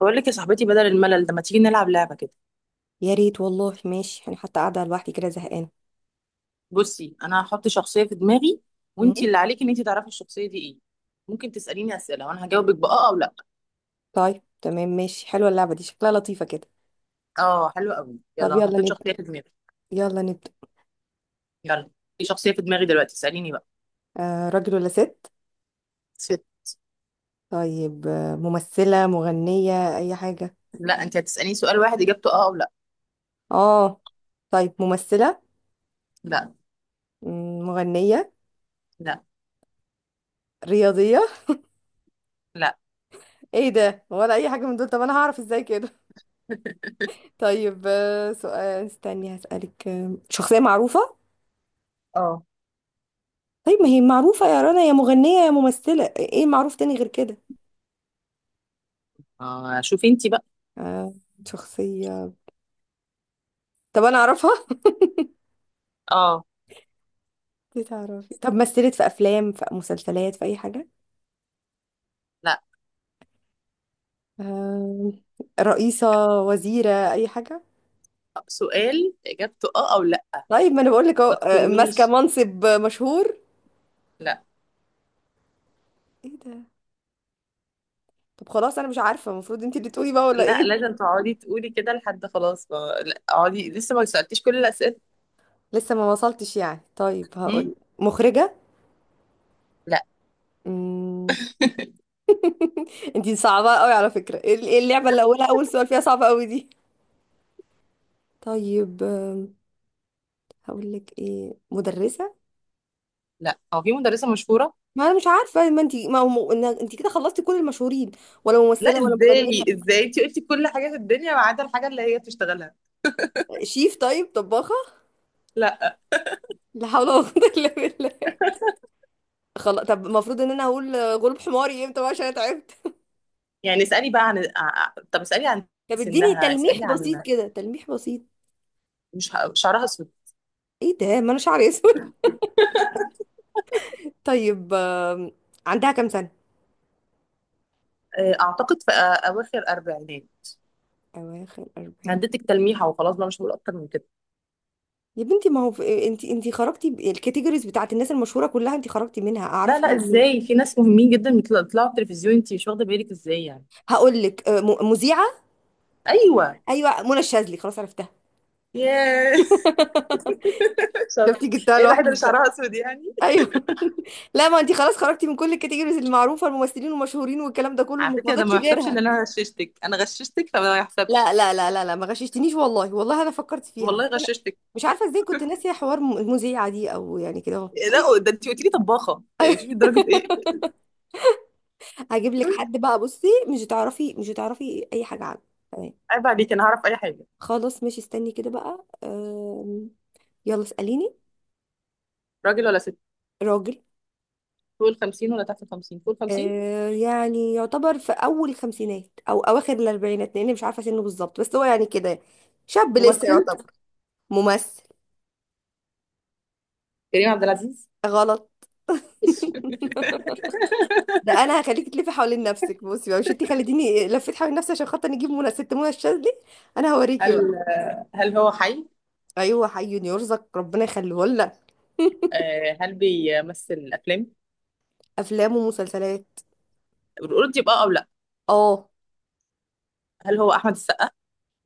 بقول لك يا صاحبتي، بدل الملل ده ما تيجي نلعب لعبة كده. يا ريت والله، ماشي. انا حتى قاعده لوحدي كده زهقانه. بصي، انا هحط شخصية في دماغي، مم. وانتي اللي عليكي ان انتي تعرفي الشخصية دي ايه. ممكن تسأليني أسئلة وانا هجاوبك بآه او لا. طيب تمام، ماشي. حلوه اللعبه دي، شكلها لطيفه كده. اه، حلو قوي، يلا طب انا يلا حطيت نبدا، شخصية في دماغي. يلا نبدا. يلا، في شخصية في دماغي دلوقتي، اسأليني بقى. راجل ولا ست؟ ست. طيب ممثله، مغنيه، اي حاجه؟ لا، انتي هتسأليني سؤال واحد اجابته اه او لا. اه. طيب ممثله. لا. مغنيه، لا. رياضيه؟ لا. ايه ده؟ ولا اي حاجه من دول؟ طب انا هعرف ازاي كده؟ طيب سؤال، استني هسالك، شخصيه معروفه؟ اه. طيب ما هي معروفه يا رنا، يا مغنيه يا ممثله، ايه معروف تاني غير كده؟ اه شوفي انتي بقى. آه شخصيه؟ طب انا اعرفها؟ اه. دي تعرفي، طب مثلت في افلام، في مسلسلات، في اي حاجه؟ لا، آه، رئيسه، وزيره، اي حاجه؟ سؤال اجابته اه او لا. طيب ما انا بقول لك اهو، ما ماسكه تخمنيش. منصب مشهور. لا. ايه ده؟ طب خلاص، انا مش عارفه، المفروض انت اللي تقولي بقى ولا لا ايه؟ لازم تقعدي تقولي كده لحد خلاص ما... لا اقعدي، لسه ما سألتيش كل الأسئلة. لسه ما وصلتش يعني. طيب هقول مم؟ مخرجه. لا. امم انت صعبه قوي على فكره. ايه إيه اللعبه اللي اولها اول سؤال فيها صعبه قوي دي؟ طيب هقول لك ايه، مدرسه. لا، هو في مدرسة مشهورة؟ ما انا مش عارفه، ما هو انت كده خلصتي كل المشهورين، ولا لا، ممثله ولا مغنيه. ازاي انت قلتي كل حاجة في الدنيا ما عدا الحاجة اللي هي بتشتغلها. شيف، طيب طباخة. لا. لا حول ولا قوة إلا بالله. خلاص، طب المفروض ان انا هقول غلب حماري امتى بقى؟ عشان انا تعبت. يعني اسألي بقى عن طب اسألي عن طب اديني سنها، تلميح اسألي بسيط عن كده، تلميح بسيط. مش ه- شعرها اسود. ايه ده؟ ما انا شعري اسود. طيب عندها كام سنة؟ اعتقد في اواخر اربعينات. اواخر 40. اديتك تلميحة وخلاص بقى، مش هقول اكتر من كده. يا بنتي ما هو في... انت خرجتي الكاتيجوريز بتاعت الناس المشهورة كلها، انت خرجتي منها، لا اعرفها لا، انا منين؟ ازاي؟ في ناس مهمين جدا بيطلعوا في التلفزيون، انت مش واخدة بالك ازاي يعني. هقول لك مذيعة. ايوه. ايوه منى الشاذلي، خلاص عرفتها. ياه. شاطر. شفتي، جبتها ايه الواحدة اللي لوحدي. شعرها اسود يعني. ايوه. لا، ما انت خلاص خرجتي من كل الكاتيجوريز المعروفه، الممثلين والمشهورين والكلام ده كله، على ما فكرة، ده فضلش ما يحسبش غيرها. ان انا غششتك، انا غششتك فما لا يحسبش. لا لا لا لا، ما غششتنيش والله، والله انا فكرت فيها، والله بس انا غششتك. مش عارفه ازاي كنت ناسيه حوار المذيعه دي، او يعني كده اهو. لا ده انت قلت لي طباخه، يعني شوفي درجه ايه. هجيب لك حد بقى، بصي، مش هتعرفي اي حاجه عنه. تمام. عيب عليك، انا هعرف اي حاجه. خلاص ماشي، استني كده بقى. يلا اساليني. راجل ولا ست؟ راجل. فوق ال 50 ولا تحت ال 50؟ فوق ال 50. يعني يعتبر في اول الخمسينات او اواخر الاربعينات، لاني مش عارفه سنه بالظبط، بس هو يعني كده شاب لسه. ممثل. ممثل. كريم عبد العزيز. غلط. ده انا هخليكي تلفي حوالين نفسك، بصي بقى، مش انتي خليتيني لفيت حوالين نفسي عشان خاطر نجيب منى الشاذلي، انا هوريكي بقى. هل هو حي؟ ايوه حي يرزق، ربنا يخليه لنا. هل بيمثل افلام؟ افلام ومسلسلات. القرد يبقى او لا. اه. هل هو احمد السقا؟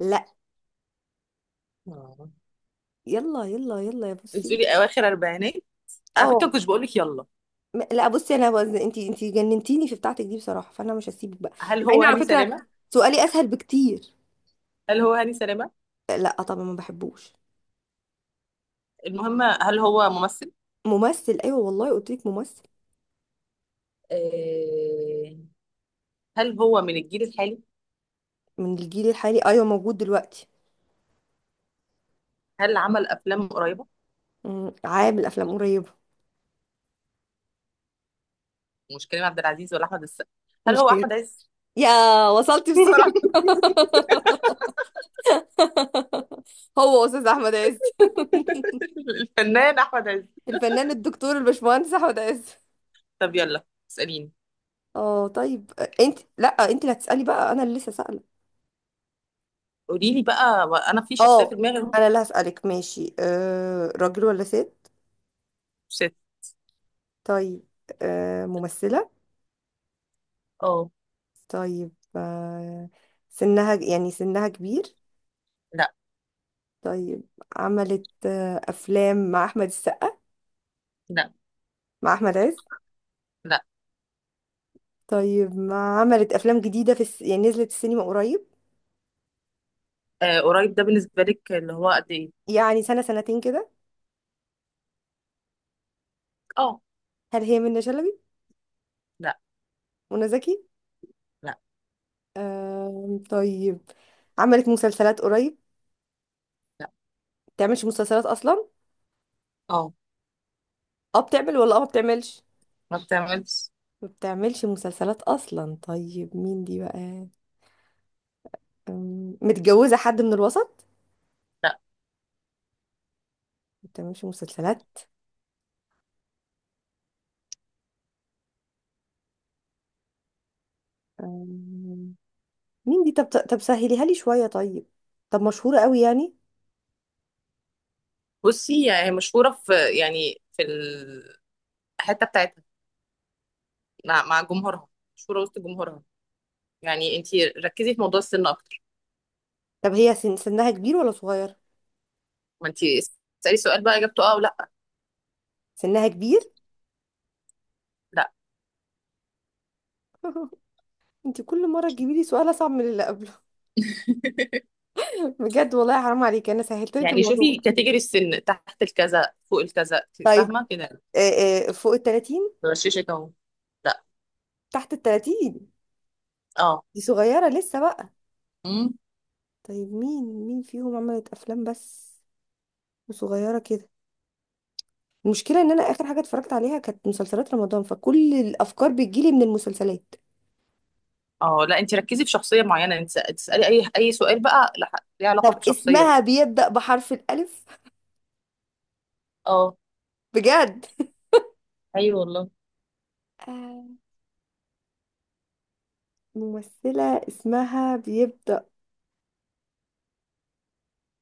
لا. آه. يلا يلا يلا يا انت بصي. بتقولي اواخر اربعينات. على فكره اه. ما كنتش بقول لك يلا. لا بصي، انا وزن انتي، جننتيني في بتاعتك دي بصراحه، فانا مش هسيبك بقى. هل مع هو ان على هاني فكره سلامه؟ سؤالي اسهل بكتير. هل هو هاني سلامه؟ لا طبعا، ما بحبوش. المهم، هل هو ممثل؟ ممثل، ايوه والله قلت لك ممثل. آه، هل هو من الجيل الحالي؟ من الجيل الحالي، ايوه موجود دلوقتي. هل عمل افلام قريبه؟ عامل افلام قريبه. مش كريم عبد العزيز ولا احمد السقا. هل مش هو كده. احمد عز؟ يا وصلتي بسرعة. هو أستاذ أحمد عز. الفنان احمد عز. الفنان الدكتور الباشمهندس أحمد عز. طب يلا اساليني. اه طيب. انت لا انت اللي هتسألي بقى، أنا اللي لسه سائلة. قولي لي بقى، انا في شخصيه اه. في دماغي هو. أنا اللي هسألك ماشي. راجل ولا ست؟ ست. طيب، ممثلة. اه. طيب سنها كبير؟ لا. طيب عملت أفلام مع أحمد السقا؟ لا. مع أحمد عز؟ لا. طيب، ما عملت أفلام جديدة في الس... يعني نزلت السينما قريب؟ آه، قريب ده بالنسبه لك اللي هو قد ايه؟ يعني سنة سنتين كده. اه. هل هي منة شلبي؟ لا. منى زكي؟ لا. طيب، عملت مسلسلات قريب؟ لا. بتعملش مسلسلات اصلا؟ اه. اه بتعمل، ولا اه ما بتعملش؟ ما بتعملش. ما بتعملش مسلسلات اصلا، طيب مين دي بقى؟ متجوزة حد من الوسط؟ لا ما بتعملش مسلسلات. أم، مين دي؟ طب سهليها لي شوية، طيب. طب مشهورة قوي يعني؟ بصي، هي مشهوره في، يعني في الحته بتاعتها، مع جمهورها. مشهوره وسط جمهورها، يعني انت ركزي في موضوع السن اكتر. طب هي سنها كبير ولا صغير؟ ما انت اسالي سؤال بقى اجابته اه ولا. سنها كبير؟ لا. انت كل مرة تجيبي لي سؤال اصعب من اللي قبله. بجد والله حرام عليك، انا سهلت لك يعني الموضوع. شوفي كاتيجوري السن، تحت الكذا فوق الكذا، طيب، فاهمه كده. فوق ال 30؟ بغششك اهو. لا. تحت ال 30؟ اه. دي صغيرة لسه بقى. امم. طيب مين فيهم عملت أفلام بس؟ وصغيرة كده. المشكلة إن أنا آخر حاجة اتفرجت عليها كانت مسلسلات رمضان، فكل الأفكار بتجيلي من المسلسلات. اه. لا انت ركزي في شخصيه معينه، انت تسالي اي سؤال بقى ليه علاقه طب بشخصيه. اسمها بيبدأ بحرف الألف؟ اه. بجد؟ ايوه والله. آه، ممثلة اسمها بيبدأ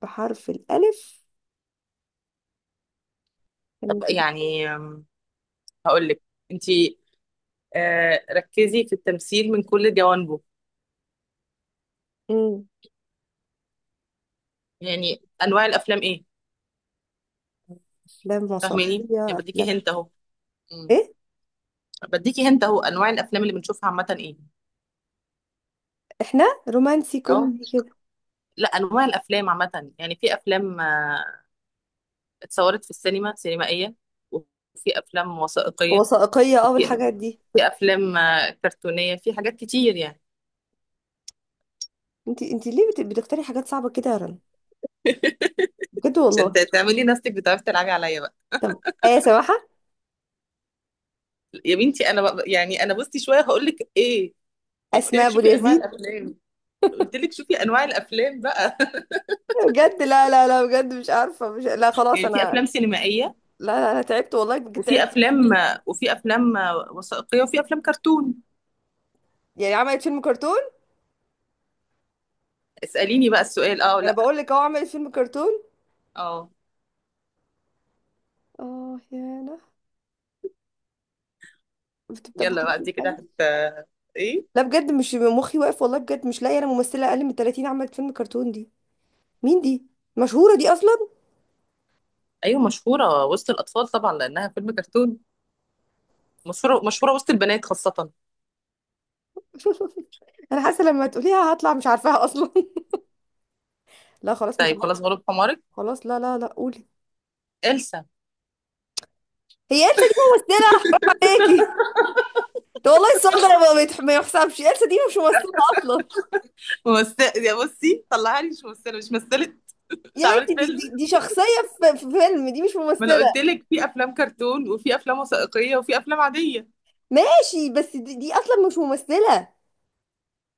بحرف الألف، طب كان كده. يعني هقول لك، انت ركزي في التمثيل من كل جوانبه. مم. يعني انواع الافلام ايه. فاهماني، يعني أفلام بديكي هنت اهو. مم. إيه؟ بديكي هنت اهو، انواع الافلام اللي بنشوفها عامه ايه. إحنا رومانسي اه. كوميدي كده. لا، انواع الافلام عامه، يعني في افلام اتصورت في السينما سينمائية، وفي أفلام وثائقية، وثائقية وفي والحاجات دي. في أفلام كرتونية، في حاجات كتير يعني. أنت ليه بتختاري حاجات صعبة كده يا رنا؟ بجد عشان والله. تعملي نفسك بتعرفي تلعبي عليا بقى. طب ايه سماحة؟ يا بنتي أنا بقى، يعني أنا بصي شوية هقول لك إيه. قلت اسماء لك ابو شوفي أنواع اليزيد؟ الأفلام. قلت لك شوفي أنواع الأفلام بقى. بجد لا لا لا، بجد مش عارفه، مش، لا خلاص يعني انا، في أفلام لا. سينمائية، لا انا تعبت والله، بجد وفي تعبت أفلام كتير. وثائقية، وفي أفلام كرتون. يعني عملت فيلم كرتون؟ اسأليني بقى السؤال أه انا ولا. بقول لك اهو، عملت فيلم كرتون. أه. اه يا انا، بتبقى يلا حرف بقى، دي كده الألف. هت، إيه. لا بجد مش مخي واقف والله، بجد مش لاقيه انا ممثله اقل من 30 عملت فيلم كرتون دي. مين دي؟ مشهوره دي اصلا؟ أيوة مشهورة وسط الأطفال طبعا لأنها فيلم كرتون. مشهورة، مشهورة وسط البنات خاصة. انا حاسه لما تقوليها هطلع مش عارفاها اصلا. لا خلاص مش طيب عارفه. خلاص، غلب حمارك. خلاص، لا لا لا، قولي. إلسا. هي إلسا دي ممثله؟ عليكي. ده والله السؤال ده ما يحسبش، إلسا دي مش ممثله اصلا. ممثلة يا بصي، طلعها لي مش ممثلة، مش مثلت، مش يا عملت بنتي، فيلم. دي شخصية في فيلم، دي مش ما أنا ممثلة. قلت لك في أفلام كرتون وفي أفلام وثائقية وفي أفلام عادية. ماشي بس دي أصلا مش ممثلة،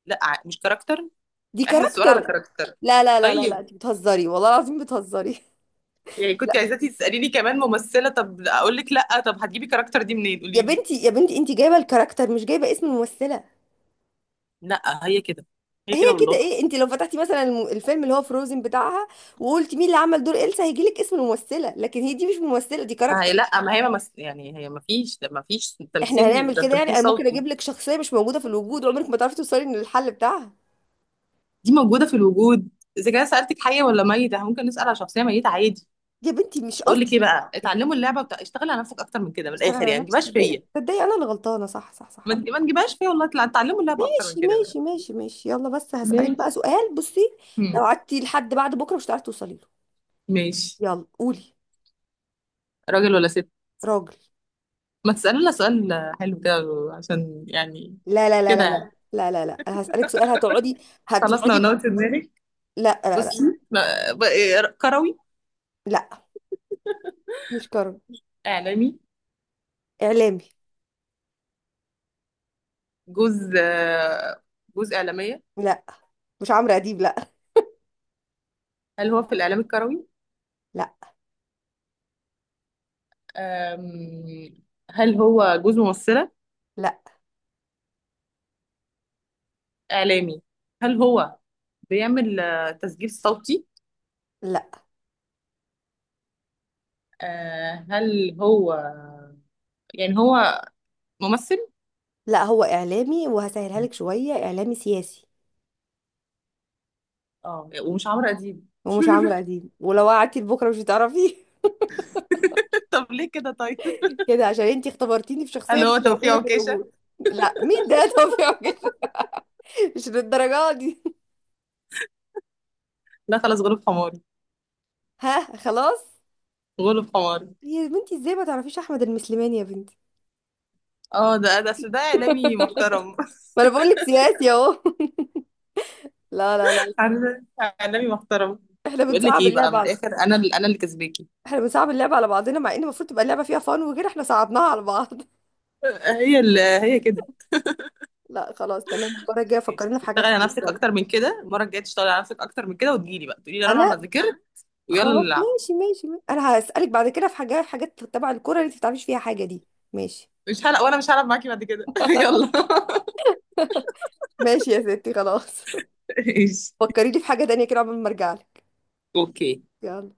لا مش كاركتر، دي إحنا السؤال على كاركتر. كاركتر. لا لا لا لا لا، طيب انت بتهزري والله العظيم بتهزري. يعني كنت عايزاكي تسأليني كمان ممثلة؟ طب أقول لك لا. طب هتجيبي كاركتر دي منين يا قولي لي. بنتي يا بنتي، انت جايبة الكاركتر، مش جايبة اسم الممثلة. لا هي كده، هي هي كده كده والله. ايه؟ انت لو فتحتي مثلا الفيلم اللي هو فروزن بتاعها، وقلت مين اللي عمل دور إلسا، هيجيلك اسم الممثلة، لكن هي دي مش ممثلة، دي ما كاركتر. هي لا، ما هي يعني هي ما فيش، ما فيش احنا تمثيل، هنعمل ده كده يعني؟ تمثيل انا ممكن صوتي. اجيب لك شخصية مش موجودة في الوجود، وعمرك ما تعرفي توصلي للحل بتاعها. دي موجودة في الوجود. إذا كان سألتك حية ولا ميتة، إحنا ممكن نسأل على شخصية ميتة عادي. يا بنتي مش بقول لك إيه قصدي. بقى، اتعلموا اللعبة بتاع، اشتغلي على نفسك أكتر من كده، من اشتغل الآخر على يعني ما نفسي؟ تجيبهاش تصدقي فيا. تصدقي انا اللي غلطانه، صح صح صح. ما تجيبهاش فيا والله، اتعلموا اللعبة أكتر من ماشي كده بقى. ماشي ماشي ماشي، يلا بس هسألك بقى ماشي. سؤال، بصي. لو هم. قعدتي لحد بعد بكره مش هتعرفي توصلي له. ماشي. يلا قولي. راجل ولا ست؟ راجل. ما تسألي لنا سؤال حلو كده، عشان يعني. لا لا لا كده لا يعني. لا لا لا لا، انا هسألك سؤال هتقعدي. خلاص هتقعدي. نونوت دماغك. لا لا لا. بصي. لا، ب- إيه، كروي؟ لا، مش كرم. إعلامي. اعلامي. جوز جوز إعلامية؟ لا، مش عمرو اديب، لا. هل هو في الإعلام الكروي؟ لا. أم، هل هو جوز ممثلة؟ لا إعلامي. هل هو بيعمل تسجيل صوتي؟ لا هل هو، يعني هو ممثل؟ لا هو اعلامي، وهسهلها لك شويه، اعلامي سياسي. اه، ومش عمرو أديب. ومش عمرو اديب، ولو قعدتي لبكره مش هتعرفيه. طب ليه كده طيب. كده عشان انتي اختبرتيني في شخصية هل مش هو توفيق موجودة في عكاشة؟ الوجود. لا، مين ده؟ طب يا راجل، مش للدرجة دي. لا خلاص، غلب حماري. ها، خلاص. غلب حماري. يا بنتي، ازاي ما تعرفيش احمد المسلماني يا بنتي؟ اه، ده ده اصل ده إعلامي محترم. ما انا بقول لك سياسي اهو. لا لا لا. عارفة؟ إعلامي محترم. احنا بقول لك بنصعب ايه بقى، اللعبة من على الآخر انا اللي، انا اللي كسباكي. احنا بنصعب اللعبة على بعضنا، مع ان المفروض تبقى اللعبة فيها فن وكده، احنا صعبناها على بعض. هي اللي، هي كده. لا خلاص تمام، المرة الجاية فكرنا في اشتغلي حاجات على تانية نفسك اكتر شوية. من كده، المره الجايه تشتغلي على نفسك اكتر من كده وتجيلي بقى تقولي لي رنا انا انا ذاكرت. ويلا خلاص نلعب. ماشي ماشي ماشي. انا هسألك بعد كده في حاجات، تبع الكورة اللي انت ما بتعرفيش فيها حاجة دي. ماشي مش هلعب، وانا مش هلعب معاكي بعد كده. يلا. ماشي يا ستي، خلاص. ايش. فكريني في حاجة تانية كده قبل ما ارجعلك. اوكي. يلا.